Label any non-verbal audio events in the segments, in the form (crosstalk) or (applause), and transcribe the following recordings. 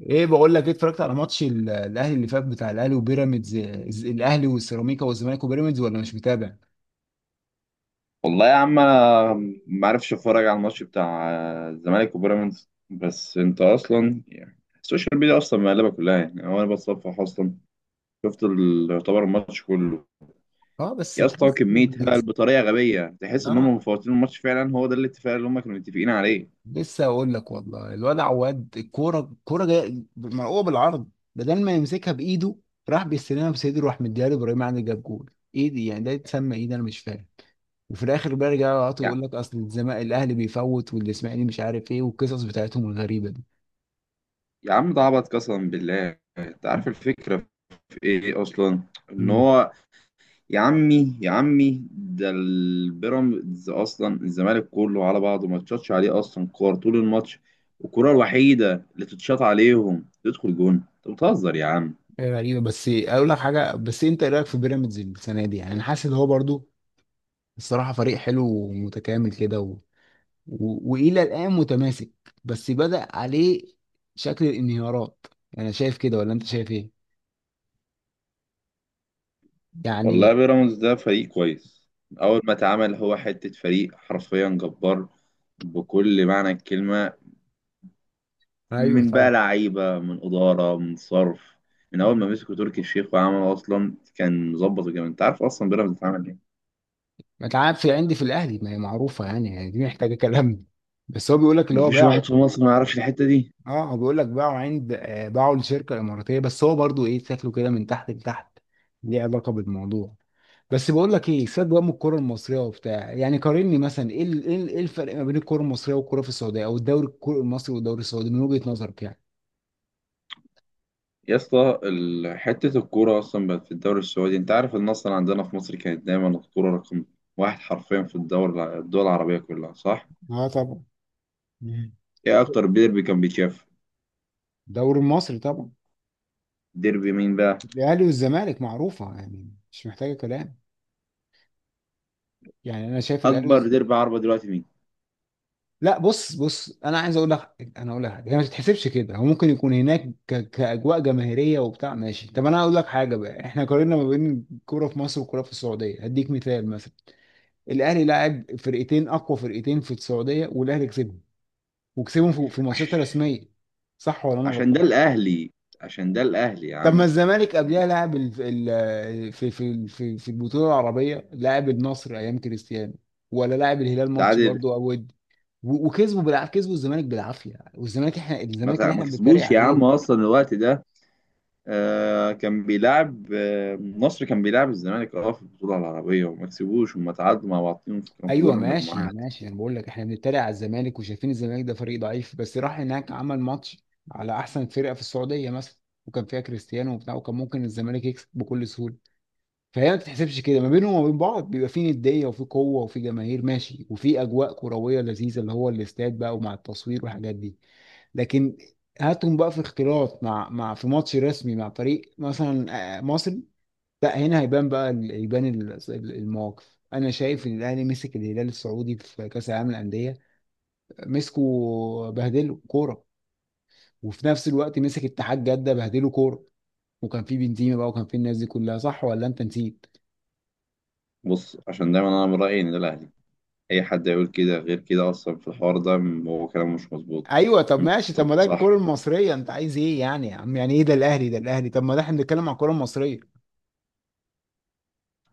ايه بقول لك ايه؟ اتفرجت على ماتش الاهلي اللي فات، بتاع الاهلي وبيراميدز، الاهلي والسيراميكا والزمالك وبيراميدز، ولا مش متابع؟ والله يا عم انا ما عرفش اتفرج على الماتش بتاع الزمالك وبيراميدز. بس انت اصلا يعني السوشيال ميديا اصلا مقلبه كلها، يعني هو انا بتصفح اصلا يعتبر الماتش كله. اه، بس يا اسطى تحس كميه هبل بطريقه غبيه، تحس ان هم اه مفوتين الماتش فعلا، هو ده الاتفاق اللي هم كانوا متفقين عليه. لسه اقول لك، والله الواد عواد، الكوره الكوره جايه مرقوبه بالعرض، بدل ما يمسكها بايده، راح بيستلمها بصدره، راح مديها لابراهيم عادل، جاب جول. ايه دي يعني؟ ده يتسمى ايه ده؟ انا مش فاهم. وفي الاخر بقى رجعوا يقعدوا يعني يقول لك اصل الزمالك، الاهلي بيفوت، والاسماعيلي مش عارف ايه، والقصص بتاعتهم الغريبه يا عم ده عبط قسما بالله، انت عارف الفكره في ايه اصلا؟ ان دي. هو يا عمي يا عمي ده البيراميدز اصلا الزمالك كله على بعضه ما تشطش عليه اصلا كور طول الماتش، والكرة الوحيدة اللي تتشاط عليهم تدخل جون. انت بتهزر يا عم. غريبة. بس اقول لك حاجة، بس انت ايه رأيك في بيراميدز السنة دي؟ يعني انا حاسس ان هو برضو الصراحة فريق حلو ومتكامل كده، والى الآن متماسك، بس بدأ عليه شكل الانهيارات. انا شايف كده، ولا انت شايف ايه والله يعني؟ بيراميدز ده فريق كويس من اول ما اتعمل، هو حتة فريق حرفيا جبار بكل معنى الكلمة. ايوه من بقى طبعا. لعيبة، من إدارة، من صرف، من أول ما مسكوا تركي الشيخ وعمل أصلا كان مظبط الجامد. أنت عارف أصلا بيراميدز اتعمل إيه؟ ما تعرف، في عندي في الاهلي ما هي معروفة يعني، يعني دي محتاجة كلام. بس هو بيقول لك اللي هو مفيش باعه. واحد في مصر ما يعرفش الحتة دي. اه، هو بيقول لك باعه عند باعه لشركة اماراتية، بس هو برضو ايه شكله كده من تحت لتحت. ليه علاقة بالموضوع؟ بس بقول لك ايه، سيبك بقى من الكوره المصريه وبتاع، يعني قارني مثلا ايه ايه إيه الفرق ما بين الكوره المصريه والكوره في السعوديه، او الدوري المصري والدوري السعودي، من وجهه نظرك يعني؟ حتة الكورة أصلا بقت في الدوري السعودي. أنت عارف إن أصلا عندنا في مصر كانت دايما الكورة رقم واحد حرفيا في الدوري، الدول العربية كلها، صح؟ اه طبعا. مم. إيه أكتر ديربي كان بيتشاف؟ الدوري المصري طبعا. ديربي مين بقى؟ الاهلي والزمالك معروفه يعني، مش محتاجه كلام، يعني انا شايف أكبر ديربي عربي دلوقتي مين؟ لا، بص بص، انا عايز اقول لك انا اقول لك حاجه، هي ما تتحسبش كده، هو ممكن يكون هناك كاجواء جماهيريه وبتاع، ماشي. طب انا هقول لك حاجه بقى، احنا قارنا ما بين الكوره في مصر والكوره في السعوديه، هديك مثال مثلا. الاهلي لعب فرقتين، اقوى فرقتين في السعوديه، والاهلي كسبهم، وكسبهم في ماتشات عش- رسميه، صح ولا انا عشان ده غلطان؟ الأهلي. عشان ده الأهلي يا طب ما عم. الزمالك قبلها لعب في البطوله العربيه، لعب النصر ايام كريستيانو، ولا لعب الهلال ماتش تعادل. برضه او ودي، وكسبوا كسبوا الزمالك بالعافيه، والزمالك احنا الزمالك اللي ما احنا بنتريق كسبوش يا عم عليه. أصلا الوقت ده. آه كان بيلعب، آه مصر كان بيلعب الزمالك، اه في البطولة العربية، وما كسبوش وما تعادلوا مع بعضهم كان في ايوه، دور ماشي المجموعات. ماشي، انا بقول لك احنا بنتريق على الزمالك وشايفين الزمالك ده فريق ضعيف، بس راح هناك عمل ماتش على احسن فرقه في السعوديه مثلا، وكان فيها كريستيانو وبتاع، وكان ممكن الزمالك يكسب بكل سهوله. فهي ما بتتحسبش كده، ما بينهم وما بين بعض بيبقى في نديه وفي قوه وفي جماهير ماشي وفي اجواء كرويه لذيذه، اللي هو الاستاد بقى ومع التصوير والحاجات دي. لكن هاتهم بقى في اختلاط مع مع في ماتش رسمي مع فريق مثلا مصري، لا هنا هيبان بقى يبان المواقف. انا شايف ان الاهلي مسك الهلال السعودي في كاس العالم للانديه، مسكوا بهدله كوره، وفي نفس الوقت مسك اتحاد جده بهدله كوره، وكان في بنزيما بقى وكان في الناس دي كلها، صح ولا انت نسيت؟ بص، عشان دايما أنا من رأيي إن ده الأهلي. اي حد يقول كده غير كده اصلا في الحوار ده هو كلامه مش مظبوط. ايوه. طب انت ماشي، طب ما ده صح. الكوره المصريه، انت عايز ايه يعني يا عم؟ يعني ايه ده الاهلي ده الاهلي؟ طب ما ده احنا بنتكلم على الكوره المصريه.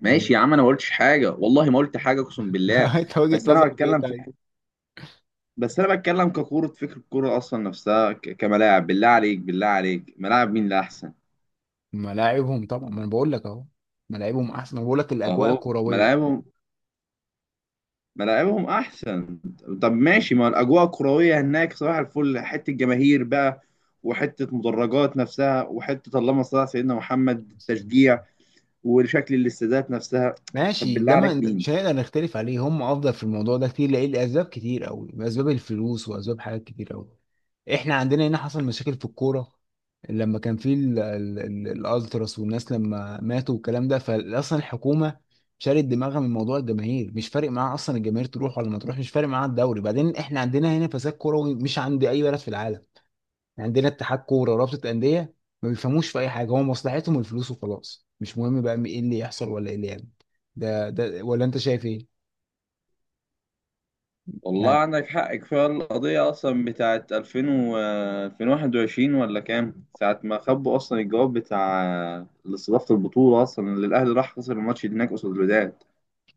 ماشي يعني يا عم، انا ما قلتش حاجه، والله ما قلت حاجه، اقسم بالله. (laughs) انت وجهه بس انا نظرك ايه بتكلم في طيب؟ بس انا بتكلم ككوره، فكر الكوره اصلا نفسها كملاعب. بالله عليك بالله عليك، ملاعب مين اللي احسن؟ ملاعبهم طبعا، ما انا بقول لك اهو، ملاعبهم احسن، انا بقول لك الاجواء اهو الكرويه. ملاعبهم، ملاعبهم احسن. طب ماشي، ما الاجواء الكرويه هناك صباح الفل، حته جماهير بقى، وحته مدرجات نفسها، وحته اللهم صل على سيدنا محمد التشجيع، (laughs) وشكل الاستادات نفسها. طب ماشي، بالله ده ما عليك مين. مش هنقدر نختلف عليه، هم افضل في الموضوع ده كتير، لان لاسباب كتير قوي، اسباب الفلوس واسباب حاجات كتير قوي. احنا عندنا هنا حصل مشاكل في الكوره لما كان في الالتراس والناس لما ماتوا والكلام ده، فاصلا الحكومه شالت دماغها من موضوع الجماهير، مش فارق معاها اصلا الجماهير تروح ولا ما تروح، مش فارق معاها الدوري. بعدين احنا عندنا هنا فساد كروي مش عند اي بلد في العالم، عندنا اتحاد كوره ورابطه انديه ما بيفهموش في اي حاجه، هو مصلحتهم الفلوس وخلاص، مش مهم بقى ايه اللي يحصل ولا ايه اللي يعمل. ده ولا انت شايف ايه والله يعني؟ عندك حق، كفاية القضية أصلا بتاعت 2000 و 2021، ولا كام ساعة ما خبوا أصلا الجواب بتاع استضافة البطولة أصلا، اللي الأهلي راح خسر الماتش هناك قصاد الوداد.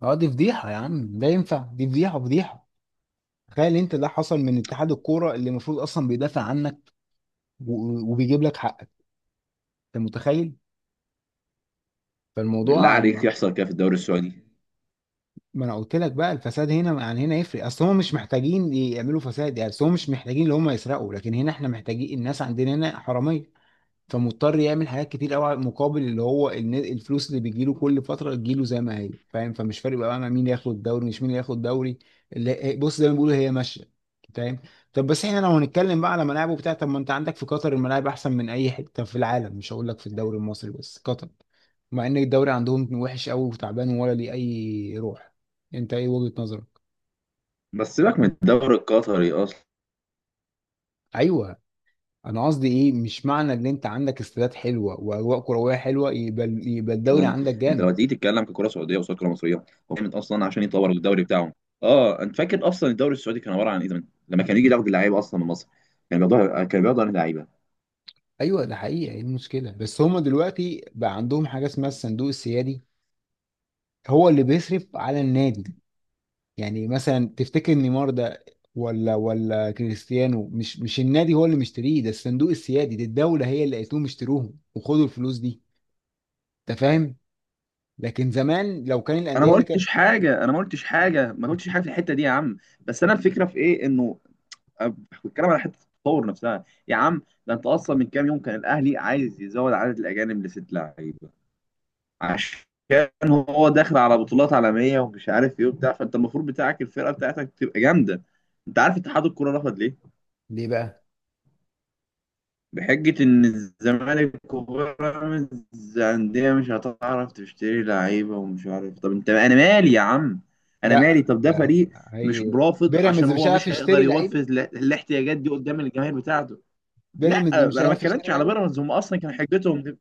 اه دي فضيحه يا عم، ده ينفع؟ دي فضيحه، فضيحه. تخيل انت ده حصل من اتحاد الكوره اللي المفروض اصلا بيدافع عنك وبيجيب لك حقك، انت متخيل؟ فالموضوع بالله عليك عن- يحصل كده في الدوري السعودي؟ ما انا قلت لك بقى، الفساد هنا عن هنا يفرق، اصل هم مش محتاجين يعملوا فساد يعني، اصل هم مش محتاجين ان هم يسرقوا، لكن هنا احنا محتاجين، الناس عندنا هنا حراميه، فمضطر يعمل حاجات كتير قوي مقابل اللي هو الفلوس اللي بتجيله كل فتره، تجيله زي ما هي، فاهم؟ فمش فارق بقى انا مين ياخد الدوري، مش مين اللي ياخد الدوري، اللي بص زي ما بيقولوا هي ماشيه، فاهم؟ طب بس احنا لو هنتكلم بقى على ملاعب وبتاع، طب ما انت عندك في قطر الملاعب احسن من اي حته في العالم، مش هقول لك في الدوري المصري بس، قطر، مع ان الدوري عندهم وحش قوي وتعبان ولا ليه اي روح. انت ايه وجهه نظرك؟ بس سيبك من الدوري القطري أصلا. ايوه، انا قصدي ايه، مش معنى ان انت عندك استادات حلوه واجواء كرويه حلوه يبقى الدوري عندك أنت لما جامد. تيجي تتكلم ككرة سعودية قصاد كرة مصرية، هو كانت أصلا عشان يطور الدوري بتاعهم. أه أنت فاكر أصلا الدوري السعودي كان عبارة عن إيه زمان؟ لما كان يجي ياخد اللعيبة أصلا من مصر، كان بياخدوها، كان بياخدوا عن اللعيبة. ايوه ده حقيقه، ايه المشكله بس، هما دلوقتي بقى عندهم حاجه اسمها الصندوق السيادي، هو اللي بيصرف على النادي. يعني مثلا تفتكر نيمار ده ولا ولا كريستيانو، مش النادي هو اللي مشتريه، ده الصندوق السيادي، دي الدوله هي اللي قالت لهم اشتروهم وخدوا الفلوس دي، انت فاهم؟ لكن زمان لو كان انا الانديه ما اللي كانت قلتش حاجه انا ما قلتش حاجه ما قلتش حاجه في الحته دي يا عم، بس انا الفكره في ايه انه أب- بتكلم على حته التطور نفسها يا عم. ده انت اصلا من كام يوم كان الاهلي عايز يزود عدد الاجانب لست لعيبه، عشان هو داخل على بطولات عالميه ومش عارف ايه وبتاع، فانت المفروض بتاعك الفرقه بتاعتك تبقى جامده. انت عارف اتحاد الكوره رفض ليه؟ ليه بقى بحجة إن الزمالك وبيراميدز أندية مش هتعرف تشتري لعيبة، ومش عارف. طب أنت، أنا مالي يا عم؟ أنا مالي؟ لا طب ده لا فريق لا، مش هي رافض عشان بيراميدز مش هو عارف مش هيقدر يشتري لعيبه؟ يوفز الاحتياجات دي قدام الجماهير بتاعته. لا بيراميدز مش أنا ما عارف اتكلمتش يشتري؟ على بيراميدز، هم أصلا كان حجتهم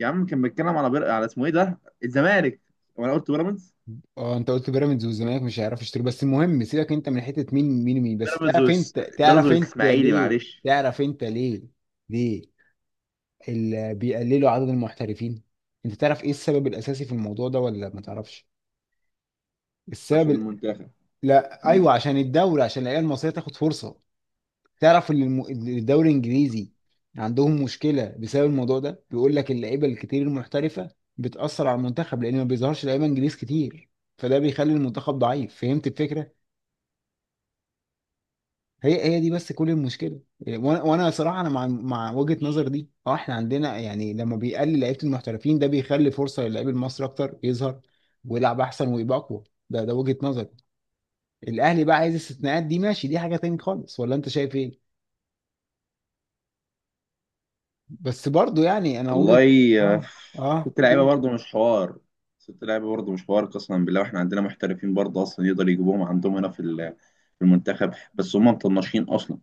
يا عم، كان بيتكلم على على اسمه إيه ده، الزمالك، وأنا قلت بيراميدز. اه، انت قلت بيراميدز والزمالك مش هيعرفوا يشتروا، بس المهم سيبك انت من حته مين بس بيراميدز تعرف، والس- انت بيراميدز تعرف انت والإسماعيلي، ليه؟ معلش. تعرف انت ليه؟ ليه اللي بيقللوا عدد المحترفين؟ انت تعرف ايه السبب الاساسي في الموضوع ده ولا ما تعرفش؟ السبب عشان ال... المنتخب. لا، ايوه، عشان الدوري، عشان العيال المصريه تاخد فرصه. تعرف ان الدوري الانجليزي عندهم مشكله بسبب الموضوع ده، بيقول لك اللعيبه الكتير المحترفه بتاثر على المنتخب، لان ما بيظهرش لعيبه انجليز كتير، فده بيخلي المنتخب ضعيف، فهمت الفكره؟ هي دي بس كل المشكله. إيه، وانا وانا صراحه انا مع وجهه نظر دي، اه احنا عندنا يعني لما بيقلل لعيبه المحترفين، ده بيخلي فرصه للعيب المصري اكتر يظهر ويلعب احسن ويبقى اقوى، ده وجهه نظر. الاهلي بقى عايز استثناءات، دي ماشي، دي حاجه تاني خالص، ولا انت شايف ايه؟ بس برضو يعني انا وجهه والله اه، اه، ست لعيبه قول. برضه مش حوار. ست لعيبه برضه مش حوار قسما بالله، واحنا عندنا محترفين برضه اصلا يقدر يجيبوهم عندهم هنا في المنتخب، بس هم مطنشين اصلا.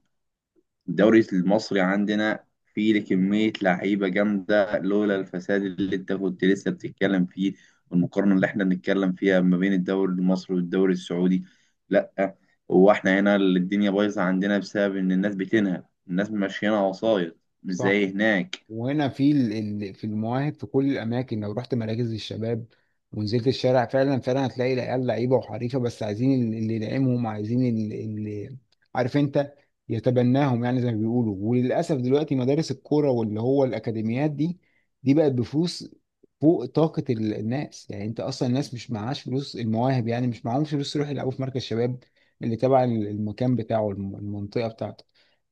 الدوري المصري عندنا فيه كميه لعيبه جامده لولا الفساد اللي انت كنت لسه بتتكلم فيه، والمقارنه اللي احنا بنتكلم فيها ما بين الدوري المصري والدوري السعودي. لا، هو احنا هنا الدنيا بايظه عندنا بسبب ان الناس بتنهب، الناس ماشيينها وسايط، مش صح. زي هناك. وهنا في في المواهب، في كل الاماكن، لو رحت مراكز الشباب ونزلت الشارع، فعلا فعلا هتلاقي العيال لعيبه وحريفه، بس عايزين اللي يدعمهم، عايزين اللي عارف انت يتبناهم يعني، زي ما بيقولوا. وللاسف دلوقتي مدارس الكوره واللي هو الاكاديميات دي، دي بقت بفلوس فوق طاقه الناس يعني، انت اصلا الناس مش معهاش فلوس، المواهب يعني مش معهمش فلوس يروحوا يلعبوا في مركز شباب اللي تبع المكان بتاعه، المنطقه بتاعته.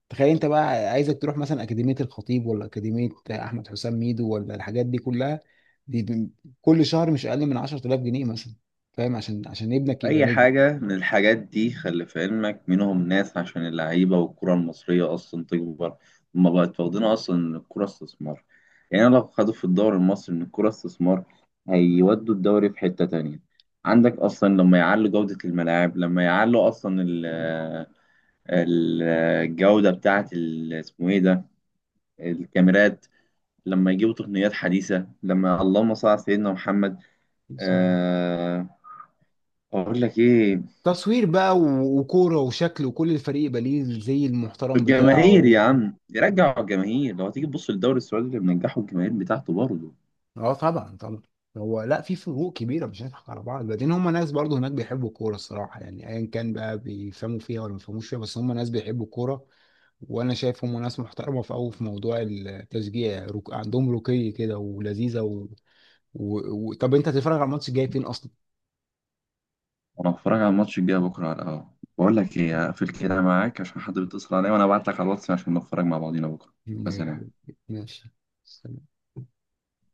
تخيل انت بقى عايزك تروح مثلا اكاديميه الخطيب، ولا اكاديميه احمد حسام ميدو، ولا الحاجات دي كلها، دي ب- كل شهر مش اقل من 10000 جنيه مثلا، فاهم؟ عشان ابنك يبقى أي نجم، حاجة من الحاجات دي خلي في علمك منهم ناس عشان اللعيبة والكرة المصرية أصلا تكبر. هما بقت واخدينها أصلا إن الكرة استثمار. يعني لو خدوا في الدوري المصري إن الكرة استثمار، هيودوا الدوري في حتة تانية. عندك أصلا لما يعلوا جودة الملاعب، لما يعلوا أصلا ال- الجودة بتاعة ال- اسمه إيه ده، الكاميرات. لما يجيبوا تقنيات حديثة، لما اللهم صل على سيدنا محمد، آه، أقول لك إيه، تصوير بقى وكوره وشكل، وكل الفريق يبقى ليه الزي المحترم بتاعه الجماهير يا و... عم، يرجعوا الجماهير. لو هتيجي تبص للدوري السعودي اللي منجحه الجماهير بتاعته برضه. اه طبعا طبعا. هو لا، في فروق كبيره مش هنضحك على بعض، بعدين هم ناس برضو هناك بيحبوا الكوره الصراحه، يعني ايا كان بقى بيفهموا فيها ولا ما بيفهموش فيها، بس هم ناس بيحبوا الكوره، وانا شايفهم ناس محترمه في قوي في موضوع التشجيع، عندهم رقي كده ولذيذه و... طب انت هتتفرج على الماتش الجاي فين اصلا؟ وانا بتفرج على الماتش الجاي بكره على القهوه. بقول لك ايه، هقفل كده معاك عشان حد بيتصل عليا، وانا ابعت لك على الواتس عشان نتفرج مع بعضينا بكره. بس. ماشي، ماشي.